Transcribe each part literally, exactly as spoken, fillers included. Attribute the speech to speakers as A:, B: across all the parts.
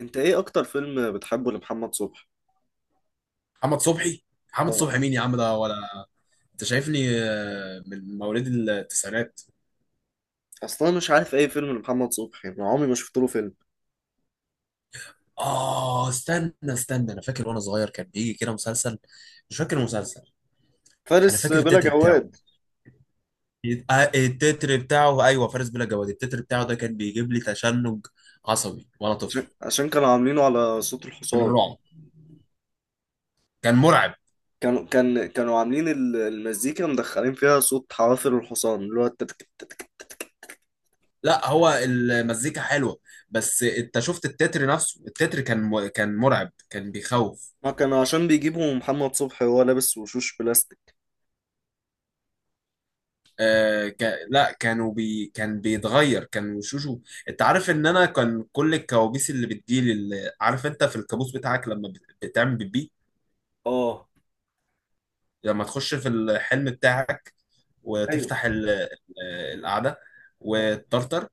A: انت ايه اكتر فيلم بتحبه لمحمد صبحي؟
B: محمد صبحي محمد
A: اه.
B: صبحي، مين يا عم ده؟ ولا انت شايفني؟ آه، من مواليد التسعينات.
A: اصلا مش عارف اي فيلم لمحمد صبحي، يعني عمري ما شفت له فيلم.
B: اه استنى استنى، انا فاكر وانا صغير كان بيجي كده مسلسل، مش فاكر المسلسل. انا
A: فارس
B: فاكر
A: بلا
B: التتر بتاعه.
A: جواد.
B: آه، التتر بتاعه، ايوه، فارس بلا جواد. التتر بتاعه ده كان بيجيب لي تشنج عصبي وانا طفل،
A: عشان عشان كانوا عاملينه على صوت
B: من
A: الحصان.
B: الرعب. كان مرعب.
A: كانوا كان كانوا عاملين ال- المزيكا، مدخلين فيها صوت حوافر الحصان اللي هو التتك التتك التتك.
B: لا، هو المزيكا حلوه، بس انت شفت التتر نفسه؟ التتر كان م... كان مرعب، كان بيخوف.
A: ما كانوا عشان بيجيبوا محمد صبحي وهو لابس وشوش بلاستيك.
B: آه ك... لا، كانوا بي... كان بيتغير، كان وشوشه. انت عارف ان انا كان كل الكوابيس اللي بتجيلي اللي... عارف انت في الكابوس بتاعك لما بت... بتعمل بيبي؟
A: اه.
B: لما تخش في الحلم بتاعك
A: ايوه.
B: وتفتح ال... آه، القعدة،
A: اه.
B: وتطرطر،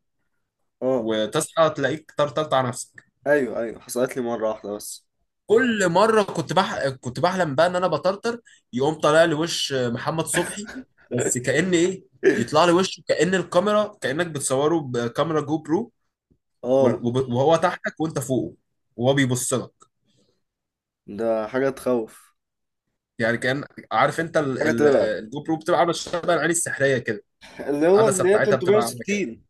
A: اه.
B: وتصحى تلاقيك طرطرت على نفسك.
A: ايوه، ايوه، حصلت لي مرة واحدة بس.
B: كل مرة كنت بح... كنت بحلم بقى ان انا بطرطر، يقوم طالع لي وش محمد صبحي. بس كأن ايه، يطلع لي وشه كأن الكاميرا، كأنك بتصوره بكاميرا جو برو،
A: اه.
B: وب- وهو تحتك وانت فوقه، وهو بيبص لك.
A: ده حاجة تخوف.
B: يعني كان، عارف انت ال-
A: حاجة
B: ال-
A: ترعب.
B: الجو برو بتبقى عامله شبه العين السحريه كده؟
A: اللي هو
B: العدسه
A: اللي هي
B: بتاعتها بتبقى عامله كده.
A: ثلاث ميه وستين.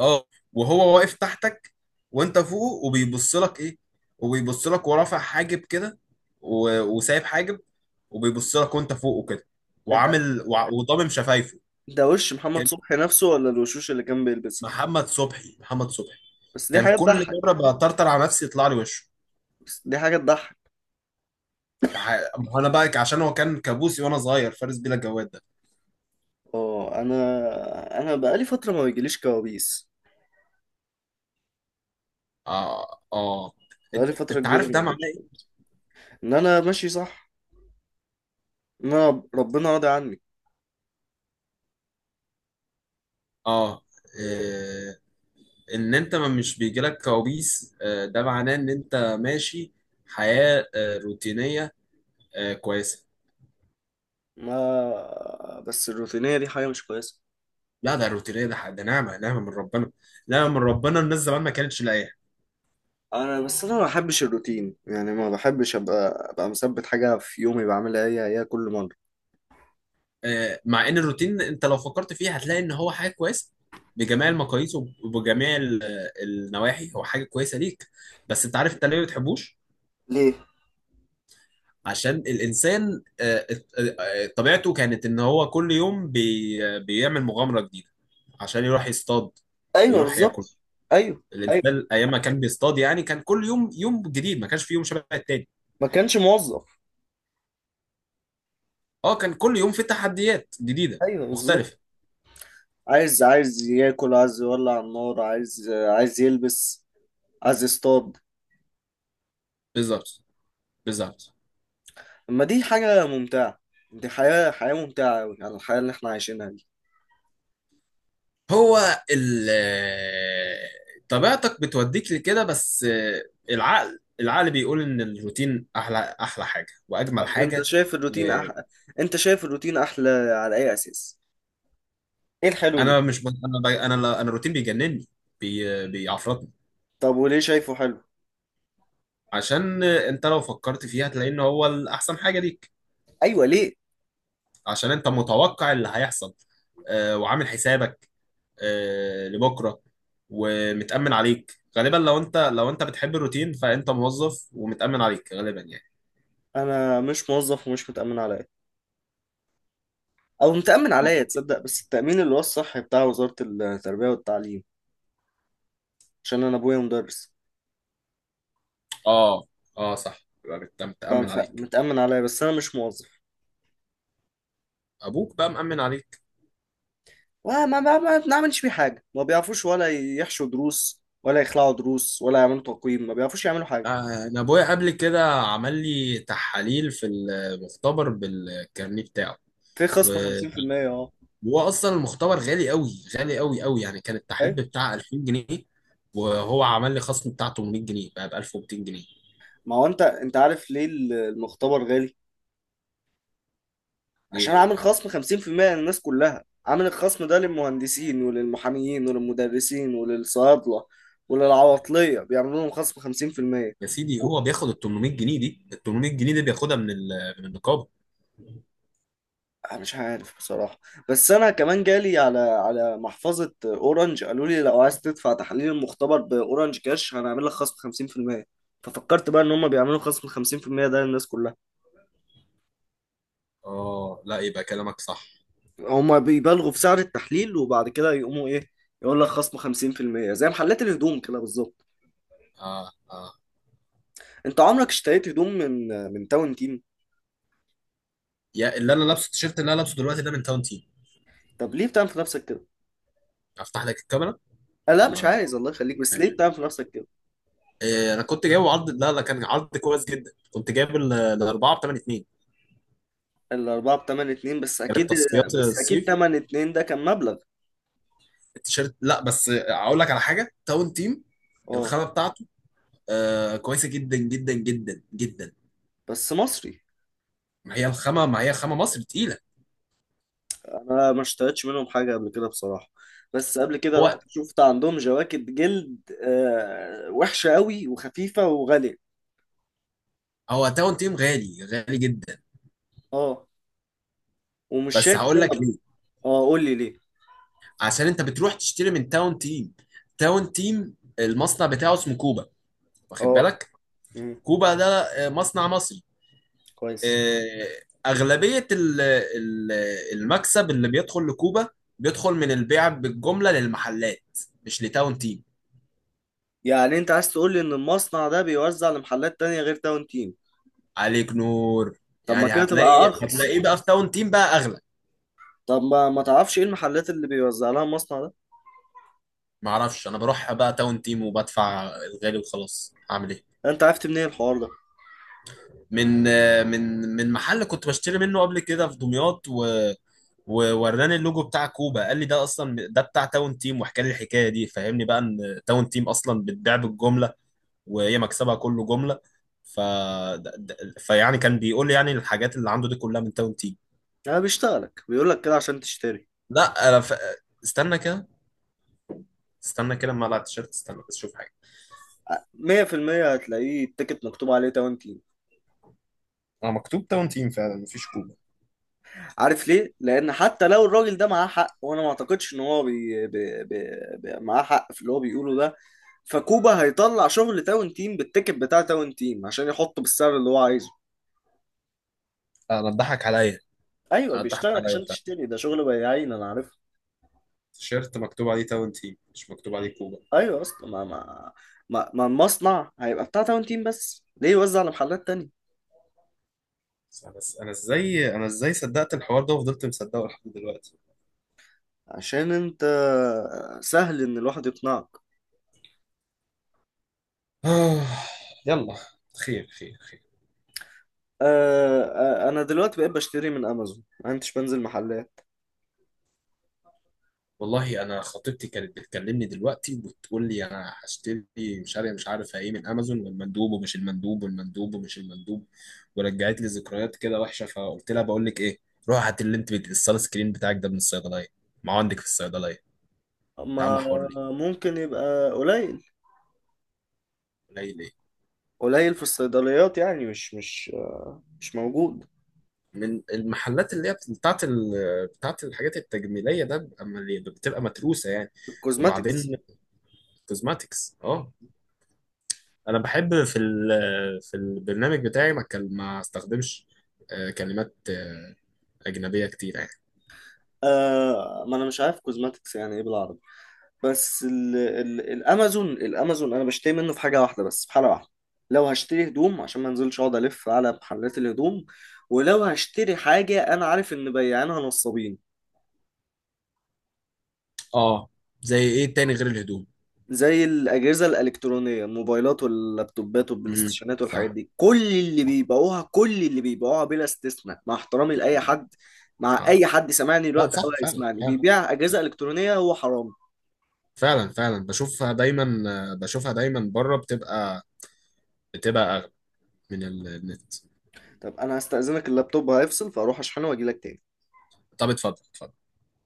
B: اه. وهو واقف تحتك، وانت فوقه وبيبص لك، ايه، وبيبص لك ورافع حاجب كده، و- وسايب حاجب، وبيبص لك وانت فوقه كده،
A: انت
B: وعامل وع- وضامم شفايفه.
A: ده وش محمد
B: كان،
A: صبحي نفسه ولا الوشوش اللي كان بيلبسها؟
B: محمد صبحي، محمد صبحي
A: بس دي
B: كان
A: حاجة
B: كل مره
A: تضحك.
B: بطرطر على نفسي يطلع لي وشه.
A: بس دي حاجة تضحك.
B: تع- انا بقى عشان هو كان كابوسي وانا صغير، فارس بيلا الجواد ده.
A: اه، انا انا بقالي فترة ما بيجيليش كوابيس.
B: اه اه.
A: بقالي
B: انت
A: فترة
B: أنت
A: كبيرة
B: عارف
A: ما
B: ده معناه
A: بيجيليش
B: ايه؟
A: كوابيس. ان انا ماشي صح. ان انا ربنا راضي عني.
B: اه إيه، ان انت ما مش بيجيلك كوابيس، آه، ده معناه ان انت ماشي حياة آه، روتينية، آه، كويسة.
A: ما بس الروتينية دي حاجة مش كويسة.
B: لا، ده روتينية، ده ده نعمة، نعمة من ربنا. نعمة من ربنا، الناس زمان ما كانتش لاقيها.
A: انا بس انا ما بحبش الروتين، يعني ما بحبش ابقى ابقى مثبت حاجة في يومي بعملها هي هي كل مرة.
B: آه، مع ان الروتين، انت لو فكرت فيه هتلاقي ان هو حاجة كويسة، بجميع المقاييس وبجميع ال- النواحي، هو حاجة كويسة ليك. بس انت عارف انت ليه ما بتحبوش؟
A: ليه؟
B: عشان الانسان، آه، آه، آه، طبيعته كانت ان هو كل يوم بي بيعمل مغامره جديده، عشان يروح يصطاد
A: ايوه،
B: ويروح ياكل.
A: بالظبط. ايوه. ايوه.
B: الانسان ايام ما كان بيصطاد، يعني كان كل يوم يوم جديد، ما كانش في يوم شبه التاني.
A: ما كانش موظف.
B: اه، كان كل يوم في تحديات جديده
A: ايوه، بالظبط.
B: مختلفه.
A: عايز عايز ياكل، عايز يولع النار، عايز عايز يلبس، عايز يصطاد.
B: بالظبط، بالظبط.
A: اما دي حاجة ممتعة. دي حياة حياة ممتعة أوي على الحياة اللي احنا عايشينها دي.
B: هو ال آه، طبيعتك بتوديك لكده، بس آه، العقل العقل بيقول ان الروتين احلى، احلى حاجه واجمل
A: طب انت
B: حاجه.
A: شايف الروتين أح... انت شايف الروتين احلى على اي اساس؟ ايه الحلو اللي.
B: انا مش ب... انا ب... انا لا- انا الروتين بيجنني، بي... بيعفرطني.
A: طب وليه شايفه حلو؟
B: عشان انت لو فكرت فيها هتلاقي ان هو الاحسن حاجه ليك.
A: ايوه، ليه؟
B: عشان انت متوقع اللي هيحصل، آه وعامل حسابك آه لبكره، ومتامن عليك غالبا. لو انت لو انت بتحب الروتين فانت موظف ومتامن عليك غالبا يعني.
A: انا مش موظف ومش متأمن عليا. او متأمن عليا، تصدق، بس التأمين اللي هو الصحي بتاع وزارة التربية والتعليم. عشان انا ابويا مدرس.
B: اه اه، صح، يبقى مت- متامن عليك.
A: فمتأمن عليا بس انا مش موظف.
B: ابوك بقى مامن عليك.
A: ما ما ما ما بنعملش بيه حاجة، ما بيعرفوش ولا يحشوا دروس ولا يخلعوا دروس ولا يعملوا تقويم، ما بيعرفوش يعملوا حاجة.
B: آه، انا ابويا قبل كده عمل لي تحاليل في المختبر بالكارنيه بتاعه.
A: في خصم خمسين في المية. اه.
B: هو اصلا المختبر غالي قوي، غالي قوي قوي يعني. كان التحليل
A: اي.
B: بتاع ألفين جنيه، وهو عمل لي خصم بتاع تمنمية جنيه، بقى ب ألف ومئتين جنيه.
A: ما هو انت انت عارف ليه ال- المختبر غالي؟ عشان
B: ليه؟
A: عامل خصم خمسين في المية للناس كلها. عامل الخصم ده للمهندسين وللمحاميين وللمدرسين وللصيادلة وللعواطلية، بيعملوا لهم خصم خمسين في المية.
B: يا سيدي هو بياخد ال تمنمية جنيه دي، ال تمنمية جنيه دي بياخدها من ال- من النقابه.
A: أنا مش عارف بصراحة. بس أنا كمان جالي على على محفظة أورنج، قالوا لي لو عايز تدفع تحليل المختبر بأورنج كاش هنعمل لك خصم خمسين في المية. ففكرت بقى إن هما بيعملوا خصم خمسين في المية ده للناس كلها.
B: اه. لا، يبقى كلامك صح.
A: هما بيبالغوا في سعر التحليل وبعد كده يقوموا إيه؟ يقول لك خصم خمسين في المية زي محلات الهدوم كده بالظبط.
B: اه اه،
A: أنت عمرك اشتريت هدوم من من تاون تيم؟
B: يا اللي انا لابسه، التيشيرت اللي انا لابسه دلوقتي ده من تاون تيم.
A: طب ليه بتعمل في نفسك كده؟
B: افتح لك الكاميرا
A: آه، لا مش
B: ولا لا؟
A: عايز الله يخليك، بس ليه
B: ماشي.
A: بتعمل في نفسك كده؟
B: إيه، انا كنت جايب عرض، لا لا، كان عرض كويس جدا، كنت جايب ال- الاربعه ب تمانية اتنين.
A: الأربعة بتمن اتنين بس أكيد.
B: كانت تصفيات
A: بس أكيد
B: الصيف.
A: تمن اتنين ده كان مبلغ.
B: التيشيرت، لا، بس اقول لك على حاجه. تاون تيم
A: اه.
B: الخامه بتاعته، آه كويسه جدا جدا جدا جدا.
A: بس مصري.
B: ما هي الخامه، ما هي خامه مصر تقيله.
A: انا ما اشتريتش منهم حاجه قبل كده بصراحه. بس قبل كده رحت
B: هو
A: شفت عندهم جواكت جلد آه وحشه قوي وخفيفه وغاليه.
B: هو تاون تيم غالي، غالي جدا.
A: اه، ومش
B: بس
A: شايف
B: هقول لك
A: سبب.
B: ليه.
A: اه، قول لي ليه.
B: عشان انت بتروح تشتري من تاون تيم. تاون تيم المصنع بتاعه اسمه كوبا، واخد
A: اه.
B: بالك؟
A: امم.
B: كوبا ده آه، مصنع مصري.
A: كويس.
B: آه، اغلبيه ال- ال- المكسب اللي بيدخل لكوبا بيدخل من البيع بالجمله للمحلات، مش لتاون تيم.
A: يعني انت عايز تقول لي ان المصنع ده بيوزع لمحلات تانية غير تاون تيم؟
B: عليك نور.
A: طب ما
B: يعني
A: كده تبقى
B: هتلاقي
A: ارخص؟
B: هتلاقيه بقى في تاون تيم بقى اغلى.
A: طب ما ما تعرفش ايه المحلات اللي بيوزع لها المصنع ده؟
B: معرفش، انا بروح بقى تاون تيم وبدفع الغالي وخلاص، هعمل ايه؟
A: انت عرفت منين الحوار ده؟
B: من، من من محل كنت بشتري منه قبل كده في دمياط، و ووراني اللوجو بتاع كوبا، قال لي ده اصلا ده بتاع تاون تيم، وحكى لي الحكايه دي، فهمني بقى ان تاون تيم اصلا بتبيع بالجمله وهي مكسبها كله جمله. ف ده- ده- فيعني كان بيقول لي يعني الحاجات اللي عنده دي كلها من تاون تيم.
A: انا بيشتغلك بيقول لك كده عشان تشتري.
B: لا، انا ف... استنى كده، استنى كده، اما اقلع التيشيرت، استنى بس شوف.
A: مية في المية هتلاقيه التيكت مكتوب عليه تاون.
B: انا مكتوب تاون تيم فعلا، مفيش كوبا.
A: عارف ليه؟ لأن حتى لو الراجل ده معاه حق، وأنا ما أعتقدش إن هو بي... بي... بي... بي... معاه حق في اللي هو بيقوله ده. فكوبا هيطلع شغل تاون تيم بالتيكت بتاع تاون تيم عشان يحطه بالسعر اللي هو عايزه.
B: انا اتضحك عليا.
A: ايوه،
B: انا اتضحك
A: بيشتغلك
B: عليا
A: عشان
B: فعلا.
A: تشتري، ده شغل بياعين انا عارفه.
B: التيشيرت مكتوب عليه تاون تيم، مش مكتوب عليه كوبا.
A: ايوه يا اسطى، ما ما ما ما المصنع هيبقى بتاع تاون تيم بس ليه يوزع على محلات تانية؟
B: بس انا، بس انا ازاي، انا ازاي صدقت الحوار ده وفضلت مصدقه لحد دلوقتي؟
A: عشان انت، سهل ان الواحد يقنعك.
B: آه. يلا، خير خير خير.
A: آه. آه، انا دلوقتي بقيت بشتري من امازون ما انتش بنزل محلات.
B: والله انا خطيبتي كانت بتكلمني دلوقتي وبتقول لي انا هشتري، مش عارف مش عارف ايه، من امازون، والمندوب ومش المندوب، والمندوب ومش المندوب. ورجعت لي ذكريات كده وحشه، فقلت لها بقول لك ايه، روح هات اللي انت بت- الصال سكرين بتاعك ده من الصيدليه، ما هو عندك في الصيدليه، انت عامله
A: ما
B: حوار ليه؟
A: ممكن يبقى قليل.
B: قليلين.
A: قليل في الصيدليات، يعني مش مش آه، مش موجود.
B: من المحلات اللي هي بت- بتاعت ال... بتاعت الحاجات التجميليه ده بتبقى مليانة- بتبقى متروسه يعني.
A: الكوزماتكس.
B: وبعدين، كوزماتكس، اه. انا بحب في ال... في البرنامج بتاعي ما كان ما استخدمش آه، كلمات آه، اجنبيه كتير يعني.
A: آه. ما انا مش عارف كوزماتكس يعني ايه بالعربي. بس ال ال الامازون الامازون انا بشتري منه في حاجه واحده بس في حاله واحده. لو هشتري هدوم عشان ما انزلش اقعد الف على محلات الهدوم. ولو هشتري حاجه انا عارف ان بياعينها نصابين،
B: اه، زي ايه تاني غير الهدوم؟
A: زي الأجهزة الإلكترونية، الموبايلات واللابتوبات
B: امم
A: والبلايستيشنات والحاجات
B: صح.
A: دي، كل اللي
B: آه،
A: بيبيعوها، كل اللي بيبيعوها بلا استثناء، مع احترامي
B: طب
A: لأي
B: طبيعي.
A: حد. مع
B: اه،
A: أي حد سامعني
B: لا
A: دلوقتي أو
B: صح فعلا،
A: هيسمعني
B: فعلا
A: بيبيع أجهزة إلكترونية هو حرام.
B: فعلا فعلا بشوفها دايما، آه، بشوفها دايما بره، بتبقى، بتبقى اغلى من النت.
A: طب أنا هستأذنك، اللابتوب هيفصل فأروح أشحنه وأجيلك تاني.
B: طب اتفضل، اتفضل.